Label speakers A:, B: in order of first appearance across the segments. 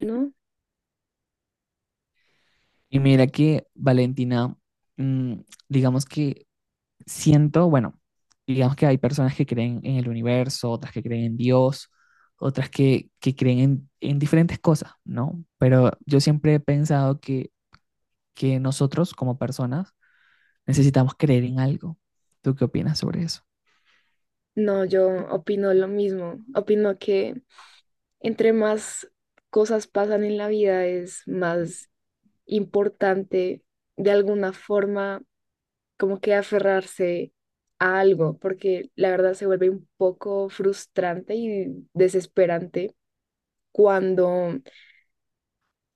A: No,
B: Y mira que Valentina, mm, digamos que siento, bueno, digamos que hay personas que creen en el universo, otras que creen en Dios, otras que creen en diferentes cosas, ¿no? Pero yo siempre he pensado que nosotros como personas necesitamos creer en algo. ¿Tú qué opinas sobre eso?
A: no, yo opino lo mismo. Opino que entre más cosas pasan en la vida es más importante de alguna forma como que aferrarse a algo, porque la verdad se vuelve un poco frustrante y desesperante cuando,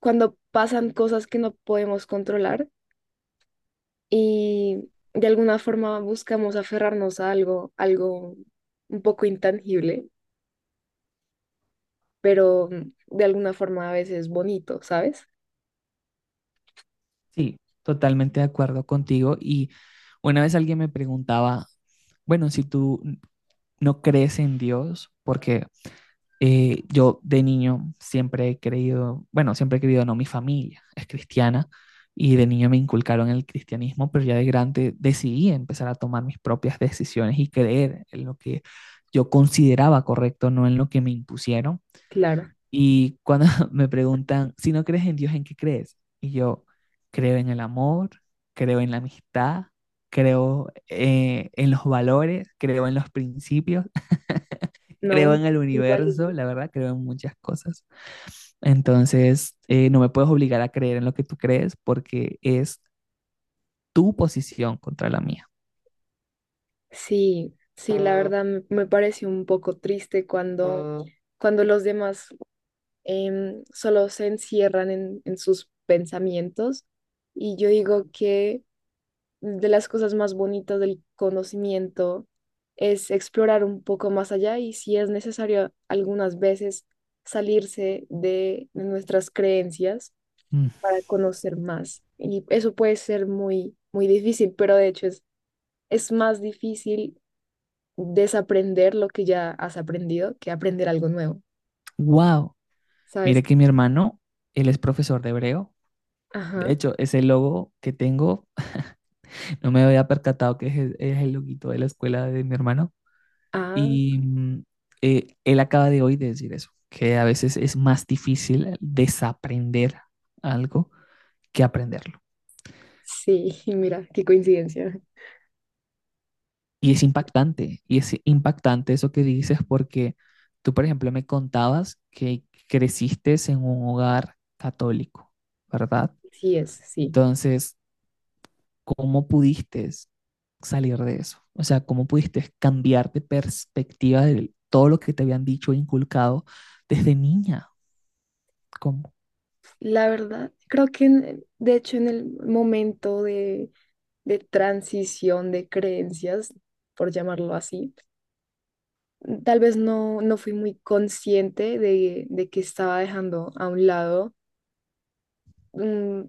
A: cuando pasan cosas que no podemos controlar y de alguna forma buscamos aferrarnos a algo un poco intangible pero de alguna forma a veces bonito, ¿sabes?
B: Sí, totalmente de acuerdo contigo. Y una vez alguien me preguntaba, bueno, si tú no crees en Dios, porque yo de niño siempre he creído, bueno, siempre he creído, no, mi familia es cristiana y de niño me inculcaron el cristianismo, pero ya de grande decidí empezar a tomar mis propias decisiones y creer en lo que yo consideraba correcto, no en lo que me impusieron.
A: Claro,
B: Y cuando me preguntan, si no crees en Dios, ¿en qué crees? Y yo creo en el amor, creo en la amistad, creo en los valores, creo en los principios,
A: no.
B: creo en el
A: Igual y
B: universo,
A: yo.
B: la verdad, creo en muchas cosas. Entonces, no me puedes obligar a creer en lo que tú crees porque es tu posición contra la mía.
A: Sí, sí, la verdad me pareció un poco triste cuando los demás solo se encierran en sus pensamientos, y yo digo que de las cosas más bonitas del conocimiento es explorar un poco más allá y, si es necesario, algunas veces salirse de nuestras creencias
B: Mm.
A: para conocer más. Y eso puede ser muy, muy difícil, pero de hecho es más difícil desaprender lo que ya has aprendido que aprender algo nuevo.
B: Wow.
A: ¿Sabes?
B: Mire que mi hermano, él es profesor de hebreo. De
A: Ajá.
B: hecho, ese logo que tengo, no me había percatado que es, es el loguito de la escuela de mi hermano.
A: Ah,
B: Y él acaba de hoy de decir eso, que a veces es más difícil desaprender algo que aprenderlo.
A: sí, mira, qué coincidencia.
B: Y es impactante eso que dices porque tú, por ejemplo, me contabas que creciste en un hogar católico, ¿verdad?
A: Sí es, sí.
B: Entonces, ¿cómo pudiste salir de eso? O sea, ¿cómo pudiste cambiar de perspectiva de todo lo que te habían dicho e inculcado desde niña? ¿Cómo?
A: La verdad, de hecho en el momento de transición de creencias, por llamarlo así, tal vez no fui muy consciente de que estaba dejando a un lado mm,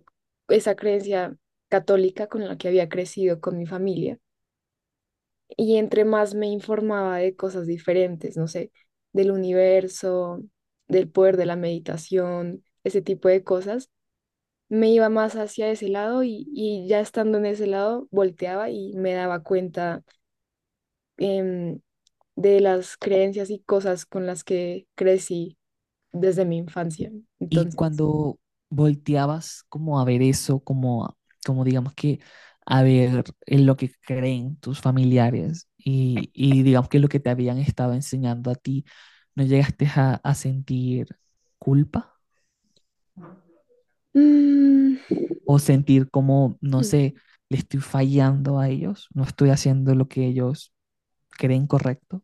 A: esa creencia católica con la que había crecido con mi familia. Y entre más me informaba de cosas diferentes, no sé, del universo, del poder de la meditación, ese tipo de cosas, me iba más hacia ese lado, y ya estando en ese lado volteaba y me daba cuenta em, de las creencias y cosas con las que crecí desde mi infancia.
B: Y
A: Entonces,
B: cuando volteabas como a ver eso, como, como digamos que a ver en lo que creen tus familiares y digamos que lo que te habían estado enseñando a ti, ¿no llegaste a sentir culpa
A: mm,
B: o sentir como, no sé, le estoy fallando a ellos, no estoy haciendo lo que ellos creen correcto?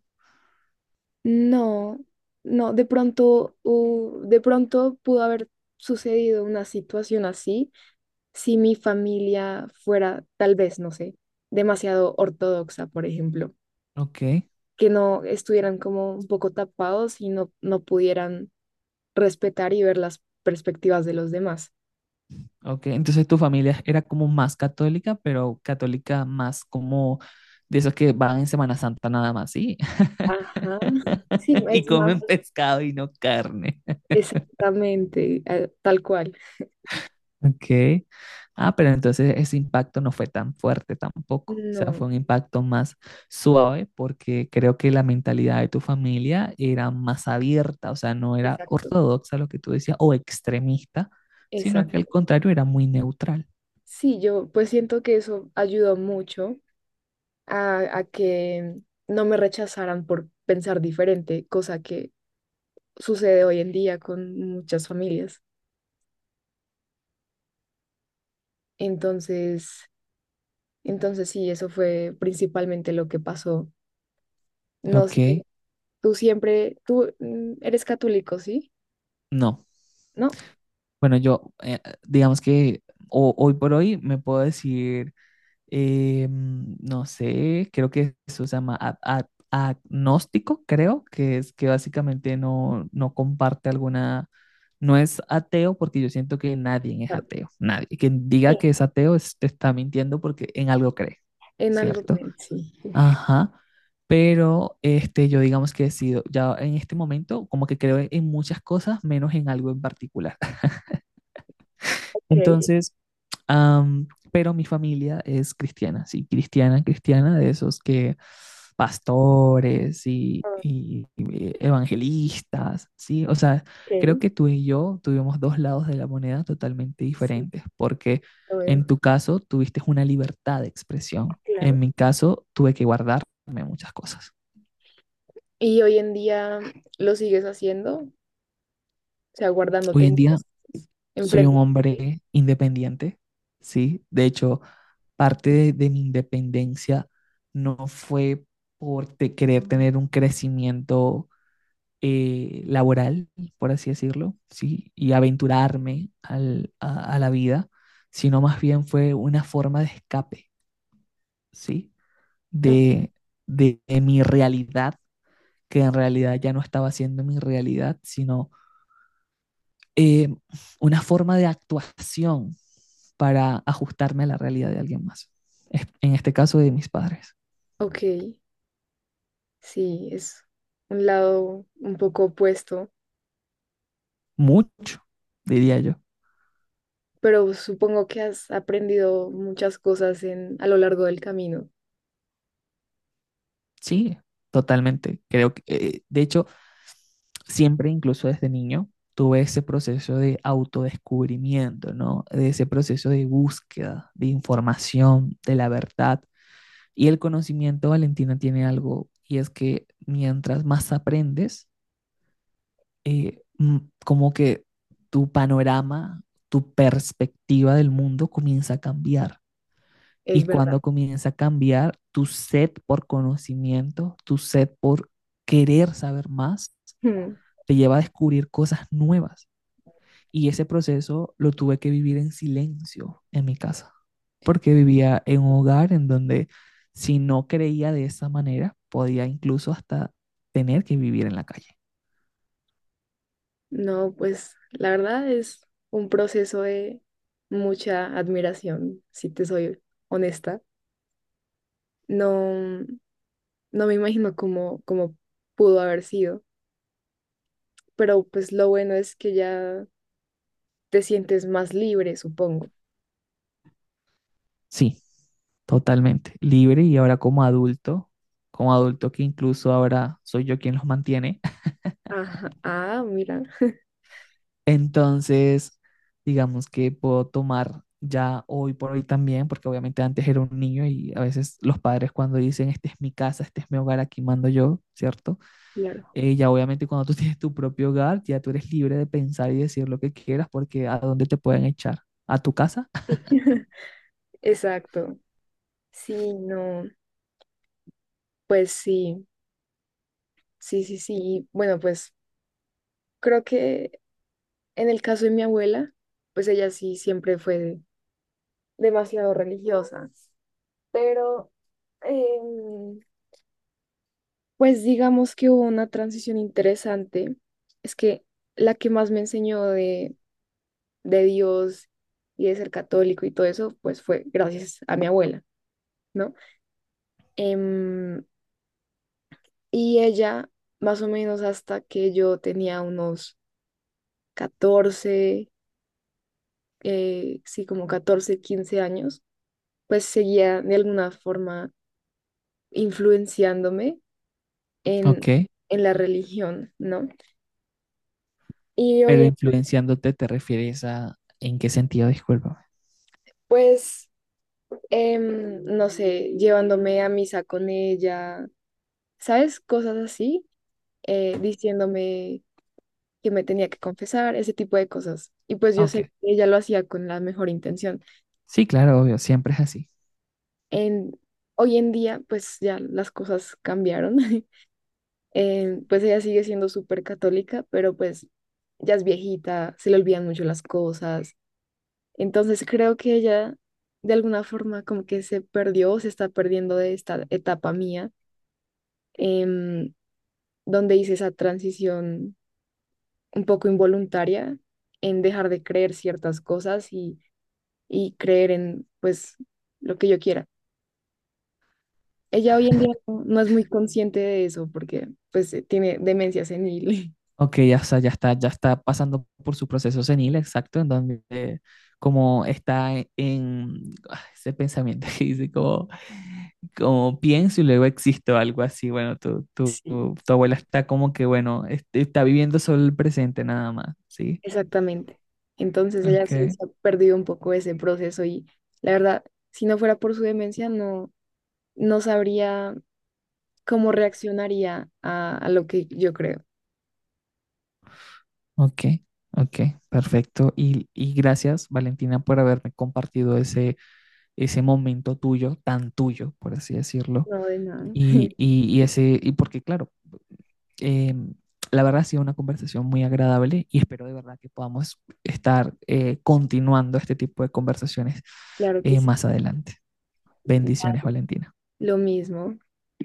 A: no, no, de pronto, de pronto pudo haber sucedido una situación así si mi familia fuera, tal vez, no sé, demasiado ortodoxa, por ejemplo,
B: Ok.
A: que no estuvieran como un poco tapados y no, no pudieran respetar y ver las perspectivas de los demás.
B: Ok, entonces tu familia era como más católica, pero católica más como de esos que van en Semana Santa nada más, ¿sí?
A: Ajá. Sí,
B: Y
A: es más,
B: comen pescado y no carne.
A: exactamente, tal cual.
B: Ok. Ah, pero entonces ese impacto no fue tan fuerte tampoco. O sea,
A: No,
B: fue un impacto más suave porque creo que la mentalidad de tu familia era más abierta, o sea, no era
A: exacto,
B: ortodoxa lo que tú decías o extremista, sino que al
A: exacto.
B: contrario era muy neutral.
A: Sí, yo pues siento que eso ayudó mucho a que no me rechazaran por pensar diferente, cosa que sucede hoy en día con muchas familias. Entonces, sí, eso fue principalmente lo que pasó. No sé,
B: Ok.
A: tú eres católico, ¿sí?
B: No.
A: ¿No?
B: Bueno, yo, digamos que hoy por hoy me puedo decir, no sé, creo que eso se llama agnóstico, creo, que es que básicamente no comparte alguna, no es ateo porque yo siento que nadie es
A: Claro.
B: ateo, nadie. Quien
A: Sí,
B: diga que es ateo te está mintiendo porque en algo cree,
A: en algo,
B: ¿cierto?
A: sí.
B: Ajá. Pero este, yo digamos que he sido, ya en este momento, como que creo en muchas cosas, menos en algo en particular.
A: Ok,
B: Entonces, Am, pero mi familia es cristiana, sí, cristiana, cristiana, de esos que pastores y evangelistas, sí. O sea,
A: ok,
B: creo que tú y yo tuvimos dos lados de la moneda totalmente
A: sí,
B: diferentes, porque
A: lo
B: en
A: veo.
B: tu caso tuviste una libertad de expresión, en
A: Claro.
B: mi caso tuve que guardarme muchas cosas.
A: ¿Y hoy en día lo sigues haciendo? O sea,
B: Hoy
A: guardándote
B: en día
A: muchas cosas
B: soy
A: enfrente
B: un
A: de ti.
B: hombre independiente, ¿sí? De hecho, parte de mi independencia no fue por querer tener un crecimiento laboral, por así decirlo, ¿sí? Y aventurarme a la vida, sino más bien fue una forma de escape, ¿sí?
A: Ok.
B: De, de mi realidad, que en realidad ya no estaba siendo mi realidad, sino eh, una forma de actuación para ajustarme a la realidad de alguien más. En este caso de mis padres.
A: Ok. Sí, es un lado un poco opuesto,
B: Mucho, diría yo.
A: pero supongo que has aprendido muchas cosas a lo largo del camino,
B: Sí, totalmente. Creo que, de hecho, siempre, incluso desde niño, tuve ese proceso de autodescubrimiento, ¿no? De ese proceso de búsqueda, de información, de la verdad. Y el conocimiento, Valentina, tiene algo, y es que mientras más aprendes, eh, mm, como que tu panorama, tu perspectiva del mundo comienza a cambiar. Y
A: es verdad.
B: cuando comienza a cambiar, tu sed por conocimiento, tu sed por querer saber más,
A: Mm.
B: te lleva a descubrir cosas nuevas. Y ese proceso lo tuve que vivir en silencio en mi casa, porque vivía en un hogar en donde si no creía de esa manera, podía incluso hasta tener que vivir en la calle.
A: No, pues la verdad es un proceso de mucha admiración, si te soy honesta. No, no me imagino cómo pudo haber sido, pero pues lo bueno es que ya te sientes más libre, supongo.
B: Sí, totalmente. Libre y ahora como adulto que incluso ahora soy yo quien los mantiene.
A: Ajá, ah, mira,
B: Entonces, digamos que puedo tomar ya hoy por hoy también, porque obviamente antes era un niño y a veces los padres cuando dicen, este es mi casa, este es mi hogar, aquí mando yo, ¿cierto?
A: claro.
B: Ya obviamente cuando tú tienes tu propio hogar, ya tú eres libre de pensar y decir lo que quieras, porque ¿a dónde te pueden echar? ¿A tu casa?
A: Sí. Exacto. Sí, no, pues sí, sí, sí, sí. Bueno, pues creo que en el caso de mi abuela, pues ella sí siempre fue demasiado religiosa, pero em, pues digamos que hubo una transición interesante. Es que la que más me enseñó de Dios y de ser católico y todo eso, pues fue gracias a mi abuela, ¿no? Em, y ella, más o menos hasta que yo tenía unos 14, sí, como 14, 15 años, pues seguía de alguna forma influenciándome
B: Ok,
A: en, en la religión, ¿no? Y
B: pero
A: oye,
B: influenciándote te refieres a, ¿en qué sentido? Discúlpame.
A: pues, no sé, llevándome a misa con ella, ¿sabes? Cosas así, diciéndome que me tenía que confesar, ese tipo de cosas. Y pues yo
B: Ok.
A: sé que ella lo hacía con la mejor intención.
B: Sí, claro, obvio, siempre es así.
A: En, Hoy en día, pues ya las cosas cambiaron. Pues ella sigue siendo súper católica, pero pues ya es viejita, se le olvidan mucho las cosas. Entonces creo que ella de alguna forma como que se perdió, o se está perdiendo de esta etapa mía, em, donde hice esa transición un poco involuntaria en dejar de creer ciertas cosas, y creer en pues lo que yo quiera. Ella hoy en día no es muy consciente de eso porque pues tiene demencia senil.
B: Ok, ya, está, ya está, ya está pasando por su proceso senil, exacto, en donde como está ese pensamiento que dice como, como pienso y luego existo, algo así, bueno,
A: Sí.
B: tu abuela está como que, bueno, este, está viviendo solo el presente nada más, ¿sí?
A: Exactamente. Entonces ella sí
B: Ok,
A: se ha perdido un poco ese proceso y la verdad, si no fuera por su demencia, no, no sabría cómo reaccionaría a lo que yo creo.
B: ok, ok, perfecto. Y gracias, Valentina, por haberme compartido ese, ese momento tuyo, tan tuyo, por así decirlo.
A: No, de nada.
B: Y ese, y porque claro, eh, la verdad ha sido una conversación muy agradable y espero de verdad que podamos estar continuando este tipo de conversaciones
A: Claro que sí.
B: más adelante. Bendiciones, Valentina.
A: Lo mismo.